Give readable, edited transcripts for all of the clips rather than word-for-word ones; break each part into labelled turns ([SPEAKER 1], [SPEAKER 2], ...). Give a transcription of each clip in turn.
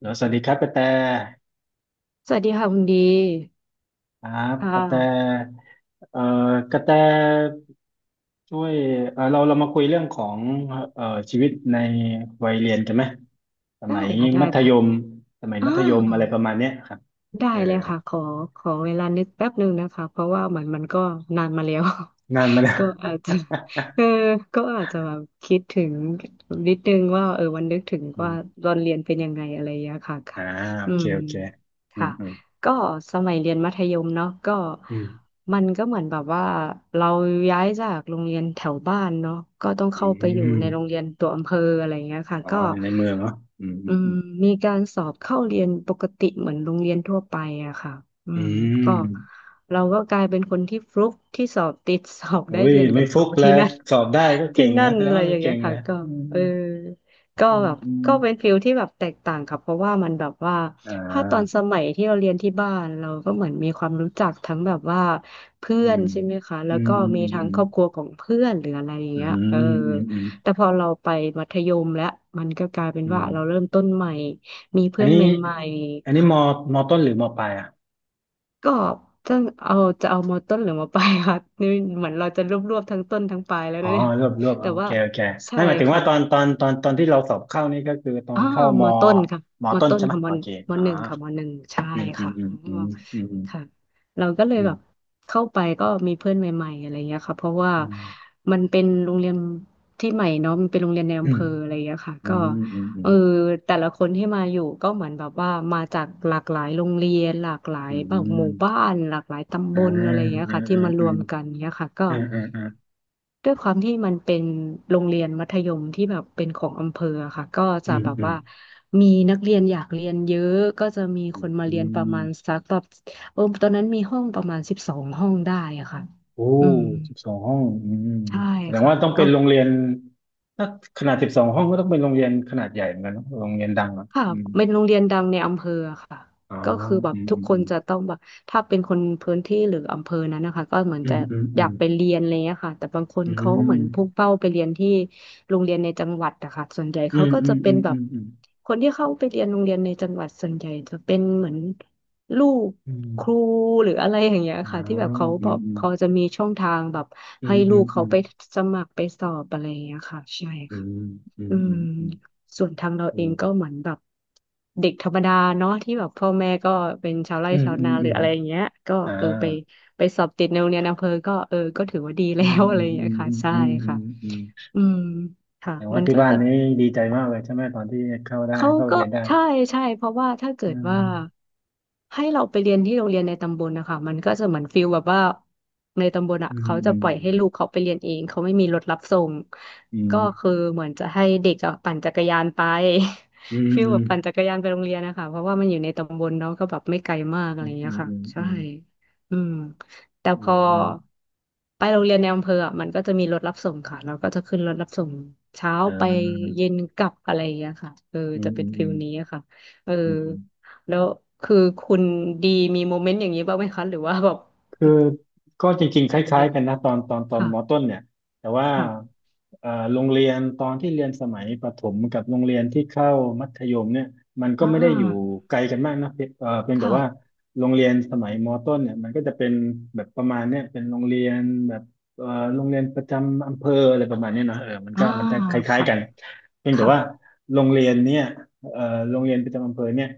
[SPEAKER 1] แล้วสวัสดีครับกระแต
[SPEAKER 2] สวัสดีค่ะคุณดี
[SPEAKER 1] ครับ
[SPEAKER 2] ค่
[SPEAKER 1] กระแต
[SPEAKER 2] ะ
[SPEAKER 1] เอ่กระแตช่วยเรามาคุยเรื่องของเอ่อชีวิตในวัยเรียนกันไหมส
[SPEAKER 2] ได้
[SPEAKER 1] มัย
[SPEAKER 2] ค่ะได้
[SPEAKER 1] มัธ
[SPEAKER 2] ค่ะ
[SPEAKER 1] ยมสมัย
[SPEAKER 2] อ่า
[SPEAKER 1] มัธยมอะไรประมาณเนี้ยครับ
[SPEAKER 2] ได้
[SPEAKER 1] เออ
[SPEAKER 2] เลยค่ะขอเวลานึกแป๊บหนึ่งนะคะเพราะว่าเหมือนมันก็นานมาแล้ว
[SPEAKER 1] นานมาแล้ว
[SPEAKER 2] ก็อาจจะ เออก็อาจจะแบบคิดถึงนิดนึงว่าเออวันนึกถึง
[SPEAKER 1] อื
[SPEAKER 2] ว่า
[SPEAKER 1] ม
[SPEAKER 2] ตอนเรียนเป็นยังไงอะไรอย่างเงี้ยค่ะค่ะ
[SPEAKER 1] อ่าโอ
[SPEAKER 2] อื
[SPEAKER 1] เค
[SPEAKER 2] ม
[SPEAKER 1] โอเคอืม
[SPEAKER 2] ค่ะ
[SPEAKER 1] อืม
[SPEAKER 2] ก็สมัยเรียนมัธยมเนาะก็
[SPEAKER 1] อืม
[SPEAKER 2] มันก็เหมือนแบบว่าเราย้ายจากโรงเรียนแถวบ้านเนาะก็ต้อง
[SPEAKER 1] อื
[SPEAKER 2] เข้าไปอยู่
[SPEAKER 1] ม
[SPEAKER 2] ในโรงเรียนตัวอำเภออะไรอย่างเงี้ยค่ะ
[SPEAKER 1] อ๋อ
[SPEAKER 2] ก็
[SPEAKER 1] ในเมืองเนาะอืมอื
[SPEAKER 2] อื
[SPEAKER 1] มอื
[SPEAKER 2] ม
[SPEAKER 1] ม
[SPEAKER 2] มีการสอบเข้าเรียนปกติเหมือนโรงเรียนทั่วไปอะค่ะอื
[SPEAKER 1] อื
[SPEAKER 2] มก็
[SPEAKER 1] ม
[SPEAKER 2] เราก็กลายเป็นคนที่ฟลุกที่สอบติดสอบ
[SPEAKER 1] โอ้
[SPEAKER 2] ได้
[SPEAKER 1] ย
[SPEAKER 2] เรียนกั
[SPEAKER 1] ไม่
[SPEAKER 2] บ
[SPEAKER 1] ฟุ
[SPEAKER 2] เขา
[SPEAKER 1] กแล้
[SPEAKER 2] ที่
[SPEAKER 1] ว
[SPEAKER 2] นั่น
[SPEAKER 1] สอบได้ก็
[SPEAKER 2] ที่
[SPEAKER 1] เก่ง
[SPEAKER 2] นั่
[SPEAKER 1] นะ
[SPEAKER 2] น
[SPEAKER 1] แสด
[SPEAKER 2] อะ
[SPEAKER 1] ง
[SPEAKER 2] ไร
[SPEAKER 1] ว่า
[SPEAKER 2] อ
[SPEAKER 1] เรา
[SPEAKER 2] ย่างเงี้
[SPEAKER 1] เก่
[SPEAKER 2] ย
[SPEAKER 1] ง
[SPEAKER 2] ค่ะ
[SPEAKER 1] แล้ว
[SPEAKER 2] ก็
[SPEAKER 1] อืม
[SPEAKER 2] เออก็
[SPEAKER 1] อืม
[SPEAKER 2] แบบ
[SPEAKER 1] อืม
[SPEAKER 2] ก็เป็นฟิลที่แบบแตกต่างค่ะเพราะว่ามันแบบว่า
[SPEAKER 1] อ่
[SPEAKER 2] ถ้าตอนส
[SPEAKER 1] า
[SPEAKER 2] มัยที่เราเรียนที่บ้านเราก็เหมือนมีความรู้จักทั้งแบบว่าเพื่
[SPEAKER 1] อื
[SPEAKER 2] อน
[SPEAKER 1] ม
[SPEAKER 2] ใช่ไหมคะแล้
[SPEAKER 1] อื
[SPEAKER 2] ว
[SPEAKER 1] ม
[SPEAKER 2] ก็
[SPEAKER 1] อืม
[SPEAKER 2] มีทั้
[SPEAKER 1] อื
[SPEAKER 2] ง
[SPEAKER 1] ม
[SPEAKER 2] ครอบครัวของเพื่อนหรืออะไรอย่าง
[SPEAKER 1] อื
[SPEAKER 2] เงี้ยเออ
[SPEAKER 1] มอืมอืมอืม
[SPEAKER 2] แต่พอเราไปมัธยมแล้วมันก็กลายเป็น
[SPEAKER 1] อื
[SPEAKER 2] ว่า
[SPEAKER 1] ม
[SPEAKER 2] เราเริ่มต้นใหม่มี
[SPEAKER 1] อัน
[SPEAKER 2] เพื่อน
[SPEAKER 1] นี้
[SPEAKER 2] ใหม่
[SPEAKER 1] อันนี้
[SPEAKER 2] ๆ
[SPEAKER 1] มอต้นหรือมอปลายอ่ะ
[SPEAKER 2] ก็จะเอาจะเอามต้นหรือมปลายค่ะ นี่เหมือนเราจะรวบรวบทั้งต้นทั้งปลายแล้ว
[SPEAKER 1] อ๋อ
[SPEAKER 2] นะเนี่ย
[SPEAKER 1] รวบรวบ
[SPEAKER 2] แต่
[SPEAKER 1] โอ
[SPEAKER 2] ว่า
[SPEAKER 1] เคโอเค
[SPEAKER 2] ใช่
[SPEAKER 1] ไม่หมายถึงว่า
[SPEAKER 2] ค่ะ
[SPEAKER 1] ตอนที่เราสอบเข้านี่ก็คือตอ
[SPEAKER 2] อ๋อ
[SPEAKER 1] นเข้า
[SPEAKER 2] มอต้นค่ะ
[SPEAKER 1] มอ
[SPEAKER 2] มอ
[SPEAKER 1] ต้น
[SPEAKER 2] ต้น
[SPEAKER 1] ใช่ไหม
[SPEAKER 2] ค่ะม
[SPEAKER 1] โอเค
[SPEAKER 2] ม
[SPEAKER 1] อ๋อ
[SPEAKER 2] หนึ่งค่ะมหนึ่งใช่
[SPEAKER 1] อืมอืม
[SPEAKER 2] ค่ะ
[SPEAKER 1] อื
[SPEAKER 2] อ๋
[SPEAKER 1] ม
[SPEAKER 2] อ
[SPEAKER 1] อืม
[SPEAKER 2] ค่ะเราก็เลย
[SPEAKER 1] อื
[SPEAKER 2] แบ
[SPEAKER 1] ม
[SPEAKER 2] บเข้าไปก็มีเพื่อนใหม่ๆอะไรเงี้ยค่ะเพราะว่า
[SPEAKER 1] อืม
[SPEAKER 2] มันเป็นโรงเรียนที่ใหม่เนาะมันเป็นโรงเรียนใน
[SPEAKER 1] อื
[SPEAKER 2] อำเภ
[SPEAKER 1] ม
[SPEAKER 2] ออะไรเงี้ยค่ะ
[SPEAKER 1] อื
[SPEAKER 2] ก็
[SPEAKER 1] มอื
[SPEAKER 2] เอ
[SPEAKER 1] ม
[SPEAKER 2] อแต่ละคนที่มาอยู่ก็เหมือนแบบว่ามาจากหลากหลายโรงเรียนหลากหลาย
[SPEAKER 1] อืม
[SPEAKER 2] แบ
[SPEAKER 1] อืม
[SPEAKER 2] บ
[SPEAKER 1] อื
[SPEAKER 2] ห
[SPEAKER 1] ม
[SPEAKER 2] มู่บ้านหลากหลายตำบ
[SPEAKER 1] อ่า
[SPEAKER 2] ลอะไรเงี้ย
[SPEAKER 1] อืม
[SPEAKER 2] ค่ะที่
[SPEAKER 1] อืม
[SPEAKER 2] มาร
[SPEAKER 1] อื
[SPEAKER 2] ว
[SPEAKER 1] ม
[SPEAKER 2] มกันเงี้ยค่ะก็
[SPEAKER 1] อืมอืม
[SPEAKER 2] ด้วยความที่มันเป็นโรงเรียนมัธยมที่แบบเป็นของอำเภออะค่ะก็
[SPEAKER 1] อื
[SPEAKER 2] จะ
[SPEAKER 1] ม
[SPEAKER 2] แบบ
[SPEAKER 1] อืม
[SPEAKER 2] ว่ามีนักเรียนอยากเรียนเยอะก็จะมีคนมา
[SPEAKER 1] อื
[SPEAKER 2] เรียนประมาณ
[SPEAKER 1] ม
[SPEAKER 2] สักแบบตอนนั้นมีห้องประมาณ12 ห้องได้อะค่ะ
[SPEAKER 1] โอ้
[SPEAKER 2] อืม
[SPEAKER 1] 12ห้องอืม
[SPEAKER 2] ใช่
[SPEAKER 1] แสดง
[SPEAKER 2] ค่ะ
[SPEAKER 1] ว่าต้องเป็
[SPEAKER 2] ก็
[SPEAKER 1] นโรงเรียนถ้าขนาดสิบสองห้องก็ต้องเป็นโรงเรียนขนาดใหญ่เหมือนกันเนอะโรงเรียนดังอ่ะ
[SPEAKER 2] ค่ะ
[SPEAKER 1] อืม
[SPEAKER 2] เป็นโรงเรียนดังในอำเภอค่ะ
[SPEAKER 1] อ๋อ
[SPEAKER 2] ก็คือแบ
[SPEAKER 1] อื
[SPEAKER 2] บ
[SPEAKER 1] ม
[SPEAKER 2] ทุก
[SPEAKER 1] อืม
[SPEAKER 2] ค
[SPEAKER 1] อื
[SPEAKER 2] นจะต้องแบบถ้าเป็นคนพื้นที่หรืออำเภอนั้นนะคะก็เหมือ
[SPEAKER 1] ม
[SPEAKER 2] น
[SPEAKER 1] อื
[SPEAKER 2] จะ
[SPEAKER 1] มอื
[SPEAKER 2] อยา
[SPEAKER 1] ม
[SPEAKER 2] กไปเรียนอะไรเงี้ยค่ะแต่บางคนเขาเหมือนพุ่งเป้าไปเรียนที่โรงเรียนในจังหวัดอะค่ะส่วนใหญ่
[SPEAKER 1] อื
[SPEAKER 2] เขา
[SPEAKER 1] ม
[SPEAKER 2] ก็
[SPEAKER 1] อื
[SPEAKER 2] จะ
[SPEAKER 1] ม
[SPEAKER 2] เป็
[SPEAKER 1] อื
[SPEAKER 2] น
[SPEAKER 1] ม
[SPEAKER 2] แบ
[SPEAKER 1] อื
[SPEAKER 2] บ
[SPEAKER 1] มอืมอืม
[SPEAKER 2] คนที่เข้าไปเรียนโรงเรียนในจังหวัดส่วนใหญ่จะเป็นเหมือนลูก
[SPEAKER 1] อืม
[SPEAKER 2] ครูหรืออะไรอย่างเงี้ย
[SPEAKER 1] อ๋อ
[SPEAKER 2] ค่ะที่แบบเขาแบ
[SPEAKER 1] อื
[SPEAKER 2] อกพอจะมีช่องทางแบบ
[SPEAKER 1] มอื
[SPEAKER 2] ให้
[SPEAKER 1] ม
[SPEAKER 2] ลู
[SPEAKER 1] อืม
[SPEAKER 2] ก
[SPEAKER 1] อืมอืมอืมอืมอืมอืมอื
[SPEAKER 2] เขา
[SPEAKER 1] ม
[SPEAKER 2] ไปสมัครไปสอบอะไรอย่างเงี้ยค่ะใช่
[SPEAKER 1] อ
[SPEAKER 2] อืม
[SPEAKER 1] ื
[SPEAKER 2] ส่วนทางเราเองก็เหมือนแบบเด็กธรรมดาเนาะที่แบบพ่อแม่ก็เป็นชาวไร่
[SPEAKER 1] มอื
[SPEAKER 2] ชาวนาหรือ
[SPEAKER 1] ม
[SPEAKER 2] อะไรอย่างเงี้ยก็
[SPEAKER 1] อ่า
[SPEAKER 2] ไปสอบติดในโรงเรียนอำเภอก็เออก็ถือว่าดี
[SPEAKER 1] อื
[SPEAKER 2] แล้
[SPEAKER 1] ม
[SPEAKER 2] ว อะ
[SPEAKER 1] อื
[SPEAKER 2] ไร
[SPEAKER 1] ม
[SPEAKER 2] อย่างเงี้
[SPEAKER 1] อื
[SPEAKER 2] ย
[SPEAKER 1] ม
[SPEAKER 2] ค่ะใช่
[SPEAKER 1] อืม อื
[SPEAKER 2] ค่ะ
[SPEAKER 1] ม อืม
[SPEAKER 2] อืมค่ะ
[SPEAKER 1] แสดง
[SPEAKER 2] มั
[SPEAKER 1] ว่า
[SPEAKER 2] น
[SPEAKER 1] ที่
[SPEAKER 2] ก็
[SPEAKER 1] บ้าน
[SPEAKER 2] จะ
[SPEAKER 1] นี้ดีใจมากเลยใช่ไหมตอนที่
[SPEAKER 2] เขา
[SPEAKER 1] เข้าเรี
[SPEAKER 2] ก็
[SPEAKER 1] ยนได้
[SPEAKER 2] ใช่ใช่เพราะว่าถ้าเกิ
[SPEAKER 1] อื
[SPEAKER 2] ดว่า
[SPEAKER 1] ม
[SPEAKER 2] ให้เราไปเรียนที่โรงเรียนในตำบลนะคะมันก็จะเหมือนฟิลแบบว่าในตำบล
[SPEAKER 1] อื
[SPEAKER 2] อ่ะเขาจะปล่อยให้
[SPEAKER 1] ม
[SPEAKER 2] ลูกเขาไปเรียนเองเขาไม่มีรถรับส่ง
[SPEAKER 1] อืม
[SPEAKER 2] ก็คือเหมือนจะให้เด็กอะปั่นจักรยานไป
[SPEAKER 1] อืม
[SPEAKER 2] ฟิล
[SPEAKER 1] อื
[SPEAKER 2] แบ
[SPEAKER 1] ม
[SPEAKER 2] บปั่นจักรยานไปโรงเรียนนะคะเพราะว่ามันอยู่ในตำบลเนาะก็แบบไม่ไกลมากอะ
[SPEAKER 1] อื
[SPEAKER 2] ไรอ
[SPEAKER 1] ม
[SPEAKER 2] ย่าง
[SPEAKER 1] อื
[SPEAKER 2] เงี้ยค่ะ
[SPEAKER 1] ม
[SPEAKER 2] ใช่
[SPEAKER 1] อืม
[SPEAKER 2] อืม แต่
[SPEAKER 1] อื
[SPEAKER 2] พ
[SPEAKER 1] ม
[SPEAKER 2] อ
[SPEAKER 1] อืม
[SPEAKER 2] ไปโรงเรียนในอำเภออะมันก็จะมีรถรับส่งค่ะเราก็จะขึ้นรถรับส่งเช้าไปเย็นกลับอะไรอย่างเงี้ยค่ะเออ
[SPEAKER 1] อื
[SPEAKER 2] จะ
[SPEAKER 1] ม
[SPEAKER 2] เป็
[SPEAKER 1] อื
[SPEAKER 2] น
[SPEAKER 1] มอื
[SPEAKER 2] ฟิ
[SPEAKER 1] ม
[SPEAKER 2] ล
[SPEAKER 1] อื
[SPEAKER 2] นี้
[SPEAKER 1] ม
[SPEAKER 2] อะค่ะเออ
[SPEAKER 1] อืมอืม
[SPEAKER 2] แล้วคือคุณดีมีโมเมนต์อย่างนี้บ้างไหมคะหรือว่าแบบ
[SPEAKER 1] คือก็จริงๆ
[SPEAKER 2] อะไร
[SPEAKER 1] ค
[SPEAKER 2] เล
[SPEAKER 1] ล้าย
[SPEAKER 2] ย
[SPEAKER 1] ๆกันนะตอน
[SPEAKER 2] ค่ะ
[SPEAKER 1] มต้นเนี่ยแต่ว่า
[SPEAKER 2] ค่ะ
[SPEAKER 1] โรงเรียนตอนที่เรียนสมัยประถมกับโรงเรียนที่เข้ามัธยมเนี่ยมันก็
[SPEAKER 2] อ่
[SPEAKER 1] ไม่ได้อยู่
[SPEAKER 2] า
[SPEAKER 1] ไกลกันมากนะเพียงแต่ว่า
[SPEAKER 2] ค่ะ
[SPEAKER 1] โรงเรียนสมัยมต้นเนี่ยมันก็จะเป็นแบบประมาณเนี่ยเป็นโรงเรียนแบบเอ่อโรงเรียนประจำอำเภออะไรประมาณเนี้ยเนอะเออ
[SPEAKER 2] อ่า
[SPEAKER 1] มันจะคล้าย
[SPEAKER 2] ค่ะ
[SPEAKER 1] ๆกันเพียงแต่
[SPEAKER 2] ค่ะ
[SPEAKER 1] ว่าโรงเรียนเนี่ยเอ่อโรงเรียนประจำอำเภอเนี่ย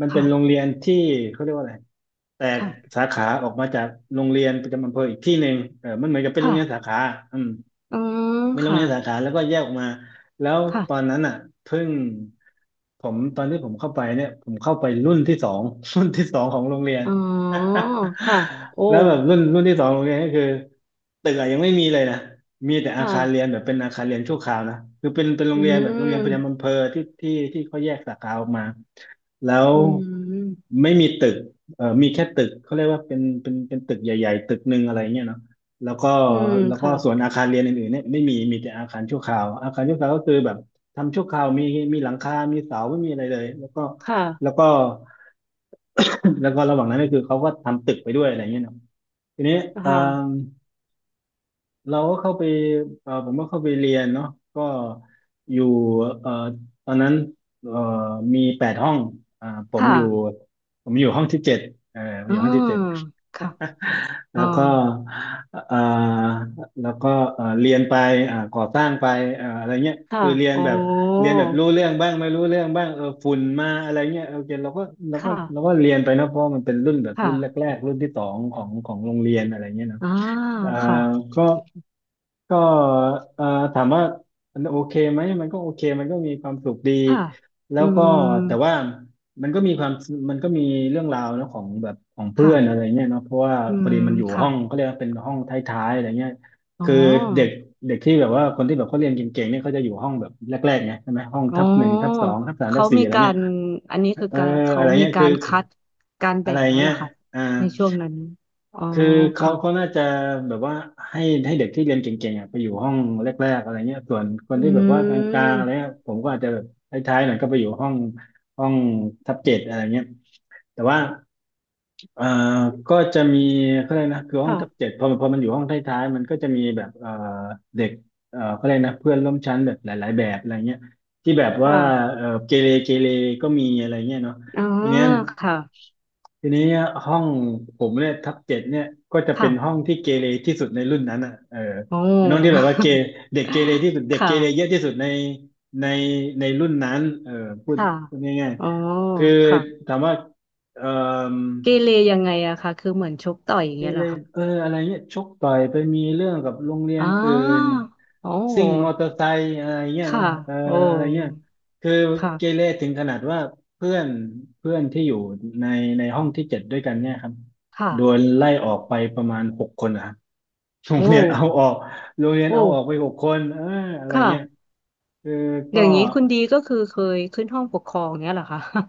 [SPEAKER 1] มันเป็นโรง
[SPEAKER 2] ค่ะ
[SPEAKER 1] เรียนที่เขาเรียกว่าอะไร แตก
[SPEAKER 2] ค่ะ
[SPEAKER 1] สาขาออกมาจากโรงเรียนประจำอำเภออีกที่หนึ่งเออมันเหมือนกับเป็นโรงเรียนสา
[SPEAKER 2] ค่ะ
[SPEAKER 1] ขาอืม
[SPEAKER 2] อืม
[SPEAKER 1] ไปโรง
[SPEAKER 2] ค่ะ
[SPEAKER 1] เรียนสาขาแล้วก็แยกออกมา แล้ว
[SPEAKER 2] ค่ะ
[SPEAKER 1] ตอนนั้นอ่ะเพิ่งผมตอนที่ผมเข้าไปเนี่ยผมเข้าไปรุ่นที่สอง รุ่นที่สองของโรงเรียน
[SPEAKER 2] อ๋อค่ะโอ้
[SPEAKER 1] แล้วแบบรุ่นที่สองของโรงเรียนก็คือตึกอะยังไม่มีเลยนะมีแต่อา
[SPEAKER 2] ค่ะ
[SPEAKER 1] คารเรียนแบบเป็นอาคารเรียนชั่วคราวนะคือเป็นโร
[SPEAKER 2] อื
[SPEAKER 1] งเรียนแบบโรงเรียนประ
[SPEAKER 2] ม
[SPEAKER 1] จำอำเภอที่เขาแยกสาขาออกมาแล้ว
[SPEAKER 2] อืม
[SPEAKER 1] ไม่มีตึกเออมีแค่ตึกเขาเรียกว่าเป็นตึกใหญ่ๆตึกหนึ่งอะไรเงี้ยเนาะ แล้วก็
[SPEAKER 2] อืม
[SPEAKER 1] แล้วก็
[SPEAKER 2] ค่ะ
[SPEAKER 1] ส่วนอาคารเรียนอื่นๆเนี่ยไม่มีมีแต่อาคารชั่วคราวอาคารชั่วคราวก็คือแบบทำชั่วคราวมีหลังคามีเสาไม่มีอะไรเลยแล้วก็แล้ว
[SPEAKER 2] ค่ะ
[SPEAKER 1] ก็ แล้วก็ระหว่างนั้นก็คือเขาก็ทำตึกไปด้วยอะไรเงี้ยเนาะทีนี้เออ
[SPEAKER 2] ค่ะ
[SPEAKER 1] เราก็เข้าไปเออผมก็เข้าไปเรียนเนาะก็อยู่เออตอนนั้นเออมีแปดห้องอ่าผม
[SPEAKER 2] ค่ะ
[SPEAKER 1] อยู่ผมอยู่ห้องที่เจ็ดผมอ
[SPEAKER 2] อื
[SPEAKER 1] ยู่ห้องที่
[SPEAKER 2] ม
[SPEAKER 1] เจ็ด
[SPEAKER 2] ค่ะอ๋
[SPEAKER 1] แล้
[SPEAKER 2] อ
[SPEAKER 1] วก็เอ่อแล้วก็เรียนไปก่อสร้างไปอะไรเงี้ย
[SPEAKER 2] ค่ะ
[SPEAKER 1] คือ
[SPEAKER 2] อ๋อ
[SPEAKER 1] เรียนแบบรู้เรื่องบ้างไม่รู้เรื่องบ้างเออฝุ่นมาอะไรเงี้ยโอเค
[SPEAKER 2] ค่ะ
[SPEAKER 1] เราก็เรียนไปนะเพราะมันเป็นรุ่นแบบรุ่น
[SPEAKER 2] ค่ะ
[SPEAKER 1] แรกๆรุ่นที่สองของโรงเรียนอะไรเงี้ยเนาะ
[SPEAKER 2] อ่า
[SPEAKER 1] เอ่อ
[SPEAKER 2] ค่ะ
[SPEAKER 1] ก็ ก็เอ่อถามว่ามันโอเคไหมมันก็โอเคมันก็มีความสุขดี
[SPEAKER 2] ค่ะ
[SPEAKER 1] แล้
[SPEAKER 2] อื
[SPEAKER 1] วก็แต่ว่า
[SPEAKER 2] ม
[SPEAKER 1] มันก็มีความมันก็มีเรื่องราวนะของแบบของเพื่
[SPEAKER 2] ค่ะ
[SPEAKER 1] อนอะไรเงี้ยเนาะเพราะว่า
[SPEAKER 2] อื
[SPEAKER 1] พอ
[SPEAKER 2] ม
[SPEAKER 1] ดีมันอยู่
[SPEAKER 2] ค่ะ
[SPEAKER 1] ห้องก็เรียกว่าเป็นห้องท้ายๆอะไรเงี้ย
[SPEAKER 2] อ๋
[SPEAKER 1] คือเด็ก
[SPEAKER 2] อ
[SPEAKER 1] เด็กที่แบบว่าคนที่แบบเขาเรียนเก่งๆเนี่ยเขาจะอยู่ห้องแบบแรกๆไงใช่ไหมห้อง
[SPEAKER 2] อ๋
[SPEAKER 1] ทับหนึ่งทับส
[SPEAKER 2] อ
[SPEAKER 1] องทับสามทั
[SPEAKER 2] เขา
[SPEAKER 1] บสี่
[SPEAKER 2] มี
[SPEAKER 1] อะไร
[SPEAKER 2] กา
[SPEAKER 1] เงี้ย
[SPEAKER 2] รอันนี้คือ
[SPEAKER 1] เออ
[SPEAKER 2] การเขา
[SPEAKER 1] อะไร
[SPEAKER 2] มี
[SPEAKER 1] เงี้ย
[SPEAKER 2] กา
[SPEAKER 1] คือ
[SPEAKER 2] รคัดการ
[SPEAKER 1] อะ
[SPEAKER 2] แบ่
[SPEAKER 1] ไร
[SPEAKER 2] งแล้วเห
[SPEAKER 1] เงี้
[SPEAKER 2] ร
[SPEAKER 1] ย
[SPEAKER 2] อคะ
[SPEAKER 1] อ่า
[SPEAKER 2] ในช่วงนั้นอ๋อ
[SPEAKER 1] คือ
[SPEAKER 2] ค่ะ
[SPEAKER 1] เขาน่าจะแบบว่าให้ให้เด็กที่เรียนเก่งๆอ่ะไปอยู่ห้องแรกๆอะไรเงี้ยส่วนคน
[SPEAKER 2] อื
[SPEAKER 1] ที่แบบว่ากลางๆอะไร
[SPEAKER 2] ม
[SPEAKER 1] เงี้ยผมก็อาจจะแบบท้ายๆหน่อยก็ไปอยู่ห้องห้องทับเจ็ดอะไรเงี้ยแต่ว่า เอ่อก็จะมีเขาเรียกนะคือห้องทับ
[SPEAKER 2] ค่ะ
[SPEAKER 1] เจ็ดพอมันพอมันอยู่ห้องท้ายๆมันก็จะมีแบบเด็กเขาเรียกนะเพื่อนร่วมชั้นแบบหลายๆแบบอะไรเงี้ยที่แบบว่า
[SPEAKER 2] ค่ะ
[SPEAKER 1] เกเรก็มีอะไรเงี้ยเนาะ
[SPEAKER 2] อ๋อ
[SPEAKER 1] ทีเนี้ย
[SPEAKER 2] ค่ะ
[SPEAKER 1] ทีนี้ห้องผมเนี่ยทับเจ็ดเนี่ยก็จะเป็
[SPEAKER 2] ค่ะ
[SPEAKER 1] นห้องที่เกเรที่สุดในรุ่นนั้นอ่ะเออ
[SPEAKER 2] โอ
[SPEAKER 1] เป็นห้องที่แบ
[SPEAKER 2] ้
[SPEAKER 1] บว่าเด็กเกเรที่สุดเด็
[SPEAKER 2] ค
[SPEAKER 1] กเกเรเยอะ
[SPEAKER 2] ่ะ
[SPEAKER 1] ที่สุดในในในรุ่นนั้นเออพูด
[SPEAKER 2] ค่ะ
[SPEAKER 1] พูดง่าย
[SPEAKER 2] อ๋อ
[SPEAKER 1] ๆคือ
[SPEAKER 2] ค่ะ
[SPEAKER 1] ถามว่าเอ่อ
[SPEAKER 2] เกเรยังไงอะคะคือเหมือนชกต่อยอย่าง
[SPEAKER 1] ที
[SPEAKER 2] เงี้ยเห
[SPEAKER 1] เล
[SPEAKER 2] รอคะ
[SPEAKER 1] เอออะไรเงี้ยชกต่อยไปมีเรื่องกับโรงเรีย
[SPEAKER 2] อ๋
[SPEAKER 1] นอื่น
[SPEAKER 2] อโอ
[SPEAKER 1] ซิ่งมอ
[SPEAKER 2] ้
[SPEAKER 1] เตอร์ไซค์อะไรเงี้ยเน
[SPEAKER 2] ค่ะ
[SPEAKER 1] อะเออ
[SPEAKER 2] โอ้
[SPEAKER 1] อะไรเงี้ยคือเกเร
[SPEAKER 2] ค่ะ
[SPEAKER 1] ถึงขนาดว่าเพื่อนเพื่อนที่อยู่ในห้องที่เจ็ดด้วยกันเนี่ยครับ
[SPEAKER 2] ค่ะ
[SPEAKER 1] โดนไล่ออกไปประมาณหกคนนะครับโร
[SPEAKER 2] โอ้
[SPEAKER 1] งเรียนเอาออกโรงเรียน
[SPEAKER 2] โอ้
[SPEAKER 1] เอาออกไปหกคนเอออะไร
[SPEAKER 2] ค
[SPEAKER 1] เงี้ย
[SPEAKER 2] ่ะ
[SPEAKER 1] คือ
[SPEAKER 2] อ
[SPEAKER 1] ก็
[SPEAKER 2] ย่างนี้คุณดีก็คือเคยขึ้นห้องปกครองเงี้ยเหรอคะ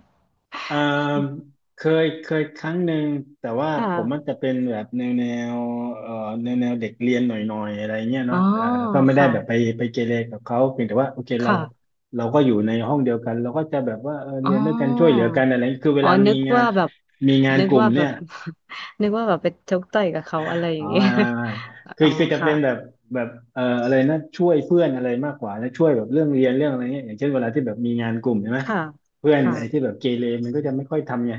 [SPEAKER 1] อ่าเคยครั้งหนึ่งแต่ว่าผมมัน
[SPEAKER 2] ค่ะ
[SPEAKER 1] จะเป็นแบบแนวเอ่อแนวเด็กเรียนหน่อยอะไรเงี้ย
[SPEAKER 2] อ๋อ
[SPEAKER 1] เนาะก็ไม่ได้
[SPEAKER 2] ค่ะ
[SPEAKER 1] แบบไปเกเรกับเขาเพียงแต่ว่าโอเคเรา
[SPEAKER 2] ค่ะ
[SPEAKER 1] ก็อยู่ในห้องเดียวกันเราก็จะแบบว่าเออ
[SPEAKER 2] อ๋
[SPEAKER 1] เรี
[SPEAKER 2] อ
[SPEAKER 1] ยนด้วยกันช่วยเหลือกันอะไรคือเว
[SPEAKER 2] อ๋อ
[SPEAKER 1] ลามี
[SPEAKER 2] นึก
[SPEAKER 1] งา
[SPEAKER 2] ว่า
[SPEAKER 1] น
[SPEAKER 2] แบบ
[SPEAKER 1] มีงาน
[SPEAKER 2] นึก
[SPEAKER 1] กลุ่ม
[SPEAKER 2] ว่าแบ
[SPEAKER 1] เนี่ย
[SPEAKER 2] บ นึกว่าแบบไปชกต่อยกับเขาอะไรอ
[SPEAKER 1] อ๋
[SPEAKER 2] ย่า
[SPEAKER 1] อ
[SPEAKER 2] งเงี้ย
[SPEAKER 1] ไม่ไม่ไม่ คือ
[SPEAKER 2] อ๋อ
[SPEAKER 1] คือจะ
[SPEAKER 2] ค่ะ
[SPEAKER 1] เป็นแบบแบบอะไรนะช่วยเพื่อนอะไรมากกว่าแล้วช่วยแบบเรื่องเรียนเรื่องอะไรเงี้ยอย่างเช่นเวลาที่แบบมีงานกลุ่มใช่ไหม
[SPEAKER 2] ค่ะ
[SPEAKER 1] เพื่อน
[SPEAKER 2] ค่ะ
[SPEAKER 1] ไอ้ที่แบบเกเรมันก็จะไม่ค่อยทำไง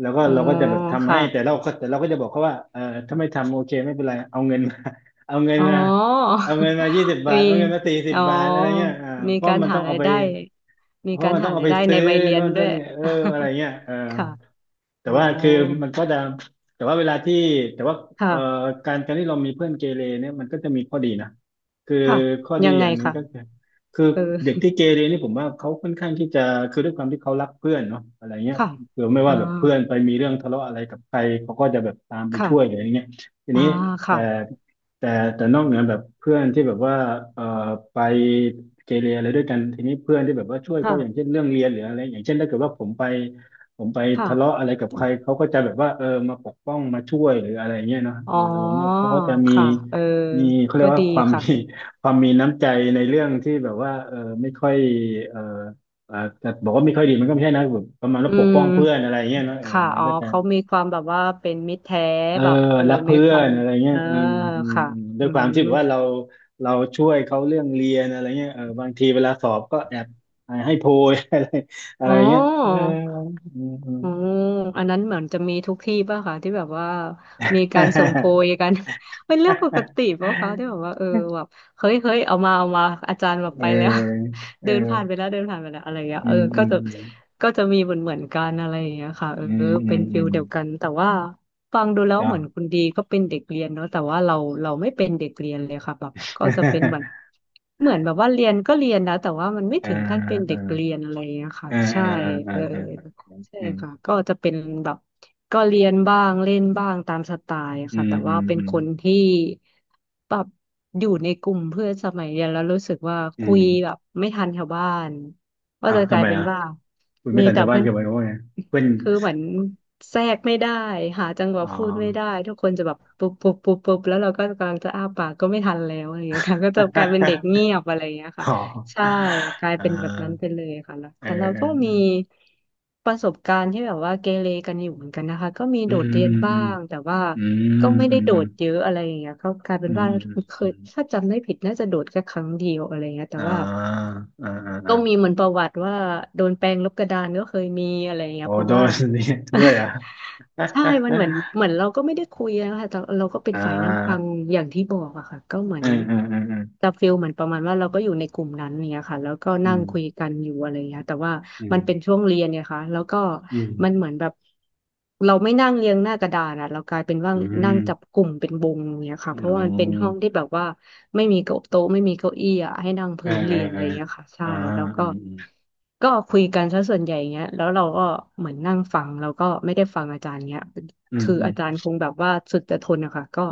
[SPEAKER 1] แล้วก็
[SPEAKER 2] อ๋อ
[SPEAKER 1] เราก็จะแบบทำให้
[SPEAKER 2] ค่ะ
[SPEAKER 1] แต่เราก็แต่เราก็จะบอกเขาว่าถ้าไม่ทำโอเคไม่เป็นไรเอาเงินมา เอาเงิน
[SPEAKER 2] อ๋อ
[SPEAKER 1] มาเอาเงินมายี่สิบ บา
[SPEAKER 2] มี
[SPEAKER 1] ทเอาเงินมาสี่สิบ
[SPEAKER 2] อ๋อ
[SPEAKER 1] บาทอะไรเงี้ยอ่า
[SPEAKER 2] มี
[SPEAKER 1] เพราะ
[SPEAKER 2] การ
[SPEAKER 1] มัน
[SPEAKER 2] หา
[SPEAKER 1] ต้องเอา
[SPEAKER 2] ราย
[SPEAKER 1] ไป
[SPEAKER 2] ได้มี
[SPEAKER 1] เพ
[SPEAKER 2] กา
[SPEAKER 1] ราะ
[SPEAKER 2] ร
[SPEAKER 1] มันต้
[SPEAKER 2] หา
[SPEAKER 1] องเอา
[SPEAKER 2] ราย
[SPEAKER 1] ไป
[SPEAKER 2] ได้ใน
[SPEAKER 1] ซื้อ
[SPEAKER 2] วัยเรีย
[SPEAKER 1] โน่
[SPEAKER 2] น
[SPEAKER 1] น
[SPEAKER 2] ด้ว
[SPEAKER 1] เท่า
[SPEAKER 2] ย
[SPEAKER 1] นี่เอออะไรเงี้ยเออ
[SPEAKER 2] ค่ะ
[SPEAKER 1] แต่
[SPEAKER 2] โอ้
[SPEAKER 1] ว่าคือมันก็จะแต่ว่าเวลาที่แต่ว่าเอ่อ
[SPEAKER 2] ค่ะ
[SPEAKER 1] การการที่เรามีเพื่อนเกเรเนี่ยมันก็จะมีข้อดีนะคือ
[SPEAKER 2] ค่ะ
[SPEAKER 1] ข้อดี
[SPEAKER 2] ยัง
[SPEAKER 1] อ
[SPEAKER 2] ไง
[SPEAKER 1] ย่างหนึ่ง
[SPEAKER 2] ค่ะ
[SPEAKER 1] ก็คือคือ
[SPEAKER 2] เออ
[SPEAKER 1] เด็กที่เกเรนี่ผมว่าเขาค่อนข้างที่จะคือด้วยความที่เขารักเพื่อนเนาะอะไรเงี้ ย
[SPEAKER 2] ค่ะ
[SPEAKER 1] คือไม่
[SPEAKER 2] อ่า
[SPEAKER 1] ว่าแบบเพื่อนไปมีเรื่องทะเลาะอะไรกับใครเขาก็จะแบบตามไปช่วยหรืออะ
[SPEAKER 2] ค่ะ
[SPEAKER 1] ไรเงี้ยที
[SPEAKER 2] อ่า
[SPEAKER 1] นี้แต่
[SPEAKER 2] ค่ะ
[SPEAKER 1] แต่แต่นอกเหนือแบบเพื่อนที่แบบว่าเอ่อไปเกเรอะไรด้วยกันทีนี้เพื่อนที่แบบว่าช่วยเขาอย่างเช่
[SPEAKER 2] ค่ะ
[SPEAKER 1] นเรื่องเรียนหรืออะไรอย่างเช่นถ้าเกิดว่าผมไป ผมไปทะเลาะ
[SPEAKER 2] ค่ะ
[SPEAKER 1] อะไรกับใครเขาก็จะแบบว่าเออมาปกป้องมาช่วยหรืออะไรเงี้ยเนาะ
[SPEAKER 2] อ๋อ
[SPEAKER 1] เอออะไรเงี้ยเขาก็จะมี
[SPEAKER 2] ค่ะเออ
[SPEAKER 1] มีเขาเรีย
[SPEAKER 2] ก็
[SPEAKER 1] กว่า
[SPEAKER 2] ดี
[SPEAKER 1] ความมี
[SPEAKER 2] ค่ะ
[SPEAKER 1] ความมีน้ำใจในเรื่องที่แบบว่าเออไม่ค่อยเอออ่าจะบอกว่าไม่ค่อยดีมันก็ไม่ใช่นะแบบประมาณ
[SPEAKER 2] อื
[SPEAKER 1] ว่าปกป้อ
[SPEAKER 2] ม
[SPEAKER 1] งเพื่อนอะไรเงี้ยเนาะเออ
[SPEAKER 2] ค่ะ
[SPEAKER 1] มัน
[SPEAKER 2] อ๋อ
[SPEAKER 1] ก็จะ
[SPEAKER 2] เขามีความแบบว่าเป็นมิตรแท้
[SPEAKER 1] เออ
[SPEAKER 2] แบบเออ
[SPEAKER 1] รัก
[SPEAKER 2] มี
[SPEAKER 1] เพื่
[SPEAKER 2] ค
[SPEAKER 1] อ
[SPEAKER 2] วา
[SPEAKER 1] น
[SPEAKER 2] ม
[SPEAKER 1] อะไรเงี้
[SPEAKER 2] เอ
[SPEAKER 1] ย
[SPEAKER 2] อ
[SPEAKER 1] อืมอืม
[SPEAKER 2] ค่ะ
[SPEAKER 1] อืมด้ว
[SPEAKER 2] อื
[SPEAKER 1] ยความ
[SPEAKER 2] ม
[SPEAKER 1] ที่แบบว่าเราช่วยเขาเรื่องเรียนอะไรเงี้ยเออบางทีเวลาสอบก็แอบให้โพย อะไรอะไร
[SPEAKER 2] อ๋อ
[SPEAKER 1] เงี้ยเอออืม
[SPEAKER 2] อ๋ออันนั้นเหมือนจะมีทุกที่ป่ะคะที่แบบว่ามีการส่งโพ
[SPEAKER 1] เอ
[SPEAKER 2] ยกัน เป็นเรื่องปกติป่ะคะที่แบบว่าเออแบบเฮ้ยเฮ้ยเอามาเอามาอาจารย์แบบ
[SPEAKER 1] อ
[SPEAKER 2] ไปแล้ว เดินผ่านไป
[SPEAKER 1] เออ
[SPEAKER 2] แล้วเดินผ่านไปแล้วอะไรอย่างเงี้ย
[SPEAKER 1] อื
[SPEAKER 2] เออ
[SPEAKER 1] มอื
[SPEAKER 2] ก็
[SPEAKER 1] ม
[SPEAKER 2] จะมีเหมือนเหมือนกันอะไรอย่างเงี้ยค่ะเออ
[SPEAKER 1] อืมอื
[SPEAKER 2] เป็น
[SPEAKER 1] มอื
[SPEAKER 2] ฟิล
[SPEAKER 1] ม
[SPEAKER 2] เดียวกันแต่ว่าฟังดูแล้ว
[SPEAKER 1] จ้ะ
[SPEAKER 2] เหมือนคุณดีก็เป็นเด็กเรียนเนาะแต่ว่าเราไม่เป็นเด็กเรียนเลยค่ะแบบก็จะเป็นเหมือน เหมือนแบบว่าเรียนก็เรียนนะแต่ว่ามันไม่
[SPEAKER 1] เออ
[SPEAKER 2] ถึงขั้นเป็น
[SPEAKER 1] เอ
[SPEAKER 2] เด็
[SPEAKER 1] อ
[SPEAKER 2] กเรียนอะไรอย่างเงี้ยค่ะ
[SPEAKER 1] เออเอ
[SPEAKER 2] ใช่
[SPEAKER 1] อเออเออ
[SPEAKER 2] เออ
[SPEAKER 1] เออ
[SPEAKER 2] ใช่
[SPEAKER 1] อืม
[SPEAKER 2] ค่ะก็จะเป็นแบบก็เรียนบ้างเล่นบ้างตามสไตล์
[SPEAKER 1] อื
[SPEAKER 2] ค่ะ
[SPEAKER 1] ม
[SPEAKER 2] แต่
[SPEAKER 1] อื
[SPEAKER 2] ว่า
[SPEAKER 1] ม
[SPEAKER 2] เป็น
[SPEAKER 1] อืม
[SPEAKER 2] คนที่แบบอยู่ในกลุ่มเพื่อนสมัยเรียนแล้วรู้สึกว่า
[SPEAKER 1] อื
[SPEAKER 2] คุ
[SPEAKER 1] ม
[SPEAKER 2] ยแบบไม่ทันชาวบ้านก็
[SPEAKER 1] อ้าว
[SPEAKER 2] จะก
[SPEAKER 1] ทำ
[SPEAKER 2] ลา
[SPEAKER 1] ไม
[SPEAKER 2] ยเป็น
[SPEAKER 1] อ่ะ
[SPEAKER 2] ว่า
[SPEAKER 1] คุณไม่
[SPEAKER 2] มี
[SPEAKER 1] ตัน
[SPEAKER 2] แต่
[SPEAKER 1] ชาวบ้าน
[SPEAKER 2] เพื่อน
[SPEAKER 1] เกี่ยวกับว่าไงเพื่อน
[SPEAKER 2] คือเหมือนแทรกไม่ได้หาจังหวะ
[SPEAKER 1] อ๋อ
[SPEAKER 2] พูดไม่ได้ทุกคนจะแบบปุ๊บปุ๊บปุ๊บปุ๊บแล้วเราก็กำลังจะอ้าปากก็ไม่ทันแล้วอะไรอย่างเงี้ยค่ะก็จะกลายเป็นเด็ก เงียบอะไรอย่างเงี้ยค่ะ
[SPEAKER 1] อ๋
[SPEAKER 2] ใช่
[SPEAKER 1] อ
[SPEAKER 2] กลาย
[SPEAKER 1] เอ
[SPEAKER 2] เป็นแบบนั้นไป
[SPEAKER 1] ่
[SPEAKER 2] เลยค่ะแล้ว
[SPEAKER 1] เออ
[SPEAKER 2] แต่เรา
[SPEAKER 1] เอ
[SPEAKER 2] ก็มี
[SPEAKER 1] อ
[SPEAKER 2] ประสบการณ์ที่แบบว่าเกเรกันอยู่เหมือนกันนะคะก็มี
[SPEAKER 1] อื
[SPEAKER 2] โด
[SPEAKER 1] ม
[SPEAKER 2] ดเรียน
[SPEAKER 1] อืม
[SPEAKER 2] บ้า
[SPEAKER 1] อืม
[SPEAKER 2] งแต่ว่า
[SPEAKER 1] อืม
[SPEAKER 2] ก็ไม่
[SPEAKER 1] อื
[SPEAKER 2] ได้
[SPEAKER 1] ม
[SPEAKER 2] โด
[SPEAKER 1] อืม
[SPEAKER 2] ดเยอะอะไรอย่างเงี้ยก็กลายเป็
[SPEAKER 1] อื
[SPEAKER 2] นว่า
[SPEAKER 1] ม
[SPEAKER 2] เค
[SPEAKER 1] อื
[SPEAKER 2] ย
[SPEAKER 1] ม
[SPEAKER 2] ถ้าจำไม่ผิดน่าจะโดดแค่ครั้งเดียวอะไรเงี้ยแต่
[SPEAKER 1] อ่า
[SPEAKER 2] ว่า
[SPEAKER 1] อ่าอ
[SPEAKER 2] ก็มี
[SPEAKER 1] ่า
[SPEAKER 2] เหมือนประวัติว่าโดนแปรงลบกระดานก็เคยมีอะไรเงี้
[SPEAKER 1] อ๋
[SPEAKER 2] ย
[SPEAKER 1] อ
[SPEAKER 2] เพราะ
[SPEAKER 1] โด
[SPEAKER 2] ว่า
[SPEAKER 1] น นี่ด้วยอ่ะ อ
[SPEAKER 2] ใช่ มันเหมือนเหมือนเราก็ไม่ได้คุยนะคะแต่เราก็เป็น
[SPEAKER 1] ่
[SPEAKER 2] ฝ่ายนั่งฟั
[SPEAKER 1] า
[SPEAKER 2] งอย่างที่บอกอะค่ะก็เหมือ
[SPEAKER 1] อื
[SPEAKER 2] น
[SPEAKER 1] มอืมอืม
[SPEAKER 2] จะฟีลเหมือนประมาณว่าเราก็อยู่ในกลุ่มนั้นเนี่ยค่ะแล้วก็
[SPEAKER 1] อื
[SPEAKER 2] นั่ง
[SPEAKER 1] ม
[SPEAKER 2] คุยกันอยู่อะไรเงี้ยแต่ว่า
[SPEAKER 1] อืม
[SPEAKER 2] มันเป็นช่วงเรียนเนี่ยค่ะแล้วก็
[SPEAKER 1] อืม
[SPEAKER 2] มันเหมือนแบบเราไม่นั่งเรียงหน้ากระดานอะเรากลายเป็นว่านั่งจับกลุ่มเป็นวงเนี่ย
[SPEAKER 1] อื
[SPEAKER 2] ค่ะเพราะว่ามันเป็นห้อ
[SPEAKER 1] ม
[SPEAKER 2] งที่แบบว่าไม่มีเก้าโต๊ะไม่มีเก้าอี้อะให้นั่ง
[SPEAKER 1] อื
[SPEAKER 2] พื้น
[SPEAKER 1] มอื
[SPEAKER 2] เรีย
[SPEAKER 1] ม
[SPEAKER 2] นอะ
[SPEAKER 1] อื
[SPEAKER 2] ไร
[SPEAKER 1] ม
[SPEAKER 2] เงี้ยค่ะ
[SPEAKER 1] อืมอืม
[SPEAKER 2] ใช่
[SPEAKER 1] อ่า
[SPEAKER 2] แล้ว
[SPEAKER 1] อื
[SPEAKER 2] ก็
[SPEAKER 1] มอื
[SPEAKER 2] ก็คุยกันซะส่วนใหญ่เงี้ยแล้วเราก็เหมือนนั่งฟังแล้วก็ไม่ได้ฟังอาจารย์เงี้ย
[SPEAKER 1] ม
[SPEAKER 2] คือ
[SPEAKER 1] อืม
[SPEAKER 2] อาจารย์คงแบบว่าสุดจะทนอะค่ะก็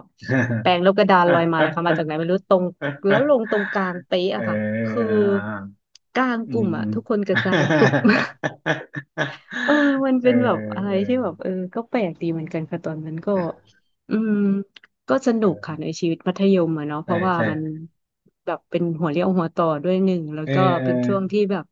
[SPEAKER 2] แปรงลบกระดานลอยมาเลยค่ะมาจากไหนไม่รู้ตรงแล้วลงตรงกลางเป๊ะ
[SPEAKER 1] เอ
[SPEAKER 2] อะค่ะคือ
[SPEAKER 1] อ
[SPEAKER 2] กลาง
[SPEAKER 1] อื
[SPEAKER 2] ก
[SPEAKER 1] ม
[SPEAKER 2] ลุ่ม
[SPEAKER 1] อื
[SPEAKER 2] อะ
[SPEAKER 1] ม
[SPEAKER 2] ทุกคนกระจายปุ๊บ เออมัน
[SPEAKER 1] เอ
[SPEAKER 2] เป็นแบบ
[SPEAKER 1] อ
[SPEAKER 2] อะไร
[SPEAKER 1] เออ
[SPEAKER 2] ที่แบบเออก็แปลกดีเหมือนกันค่ะตอนนั้นก็อืมก็สนุก
[SPEAKER 1] เออ
[SPEAKER 2] ค่ะในชีวิตมัธยมอะเนาะเพ
[SPEAKER 1] ใช่
[SPEAKER 2] ราะว่า
[SPEAKER 1] ใช่
[SPEAKER 2] มันแบบเป็นหัวเรี่ยวหัวต่อด้วยหนึ่งแล้ว
[SPEAKER 1] เออ
[SPEAKER 2] ก็
[SPEAKER 1] เออ
[SPEAKER 2] เป็นช่วงที่แบบ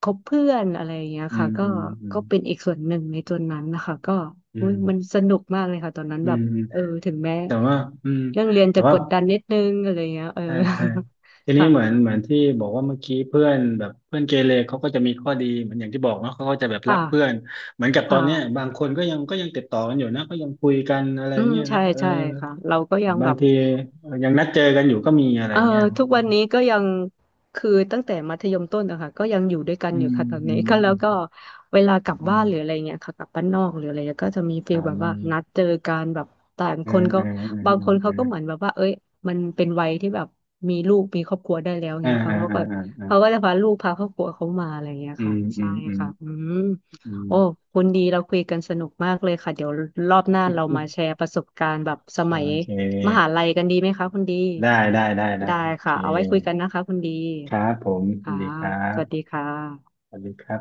[SPEAKER 2] คบเพื่อนอะไรอย่างเงี้ย
[SPEAKER 1] อื
[SPEAKER 2] ค่ะ
[SPEAKER 1] ม
[SPEAKER 2] ก็
[SPEAKER 1] อืมอืม
[SPEAKER 2] เป็นอีกส่วนหนึ่งในตัวนั้นนะคะก็
[SPEAKER 1] อื
[SPEAKER 2] อุ๊ยมันสนุกมากเลยค่ะตอน
[SPEAKER 1] ม
[SPEAKER 2] นั้น
[SPEAKER 1] อื
[SPEAKER 2] แบบ
[SPEAKER 1] ม
[SPEAKER 2] เออถึงแม้
[SPEAKER 1] แต่ว่าอืม
[SPEAKER 2] เรื่องเรียน
[SPEAKER 1] แต่
[SPEAKER 2] จะก
[SPEAKER 1] ว่า
[SPEAKER 2] ดดันนิดนึงอะไรเงี้ยเออ
[SPEAKER 1] ใช่ใช่ที นี้
[SPEAKER 2] ค่ะ
[SPEAKER 1] เหมือนเหมือนที่บอกว่าเมื่อกี้เพื่อนแบบเพื่อนเกเรเขาก็จะมีข้อดีเหมือนอย่างที่บอกเนาะเขาก็จะแบบรักเพื่อ
[SPEAKER 2] ค่ะ
[SPEAKER 1] นเหมือนกับตอ
[SPEAKER 2] ค่ะ
[SPEAKER 1] นเนี้ยบางคนก็ยังก็ยังติดต่อกันอยู่นะก็ยังคุยกันอะไร
[SPEAKER 2] อืม
[SPEAKER 1] เงี้ยนะ
[SPEAKER 2] ใช่
[SPEAKER 1] เออ
[SPEAKER 2] ใช่ค่ะเราก็
[SPEAKER 1] แต่
[SPEAKER 2] ยัง
[SPEAKER 1] บา
[SPEAKER 2] แบ
[SPEAKER 1] ง
[SPEAKER 2] บ
[SPEAKER 1] ทีเออยังนัดเจอกันอยู่ก็มีอะไร
[SPEAKER 2] เอ่อ
[SPEAKER 1] เงี้ยนะ
[SPEAKER 2] ทุกวันนี้ก็ยังคือตั้งแต่มัธยมต้นนะคะก็ยังอยู่ด้วยกัน
[SPEAKER 1] อื
[SPEAKER 2] อยู่
[SPEAKER 1] ม
[SPEAKER 2] ค่ะตอน
[SPEAKER 1] อื
[SPEAKER 2] นี้
[SPEAKER 1] ม
[SPEAKER 2] ก็แล้
[SPEAKER 1] อื
[SPEAKER 2] วก็
[SPEAKER 1] ม
[SPEAKER 2] เวลากลับ
[SPEAKER 1] อื
[SPEAKER 2] บ้าน
[SPEAKER 1] ม
[SPEAKER 2] หรืออะไรเงี้ยค่ะกลับบ้านนอกหรืออะไรเงี้ยก็จะมีฟี
[SPEAKER 1] อ่
[SPEAKER 2] ลแบบว่านั
[SPEAKER 1] า
[SPEAKER 2] ดเจอกันแบบต่าง
[SPEAKER 1] อื
[SPEAKER 2] ค
[SPEAKER 1] ม
[SPEAKER 2] นก็
[SPEAKER 1] อืมอืม
[SPEAKER 2] บาง
[SPEAKER 1] อื
[SPEAKER 2] ค
[SPEAKER 1] ม
[SPEAKER 2] น
[SPEAKER 1] อื
[SPEAKER 2] เขา
[SPEAKER 1] ม
[SPEAKER 2] ก็เหมือนแบบว่าเอ้ยมันเป็นวัยที่แบบมีลูกมีครอบครัวได้แล้ว
[SPEAKER 1] อ่า
[SPEAKER 2] เงี้ยค่ะ
[SPEAKER 1] อ่า
[SPEAKER 2] เขา
[SPEAKER 1] อ่า
[SPEAKER 2] ก็
[SPEAKER 1] อ่าอ่า
[SPEAKER 2] จะพาลูกพาครอบครัวเขามาอะไรเงี้ย
[SPEAKER 1] อื
[SPEAKER 2] ค่ะ
[SPEAKER 1] มอื
[SPEAKER 2] ใช่
[SPEAKER 1] มอืม
[SPEAKER 2] ค่ะอืม
[SPEAKER 1] อื
[SPEAKER 2] โอ้
[SPEAKER 1] ม
[SPEAKER 2] คุณดีเราคุยกันสนุกมากเลยค่ะเดี๋ยวรอบหน้าเรามาแชร์ประสบการณ์แบบส
[SPEAKER 1] โอ
[SPEAKER 2] มัย
[SPEAKER 1] เค
[SPEAKER 2] มหาลัยกันดีไหมคะคุณดี
[SPEAKER 1] ได้
[SPEAKER 2] ได้
[SPEAKER 1] โอเค
[SPEAKER 2] ค่ะเอาไว้คุยกันนะคะคุณดี
[SPEAKER 1] ครับผมสวั
[SPEAKER 2] ค่ะ
[SPEAKER 1] สดีครั
[SPEAKER 2] สวัสดี
[SPEAKER 1] บ
[SPEAKER 2] ค่ะ
[SPEAKER 1] สวัสดีครับ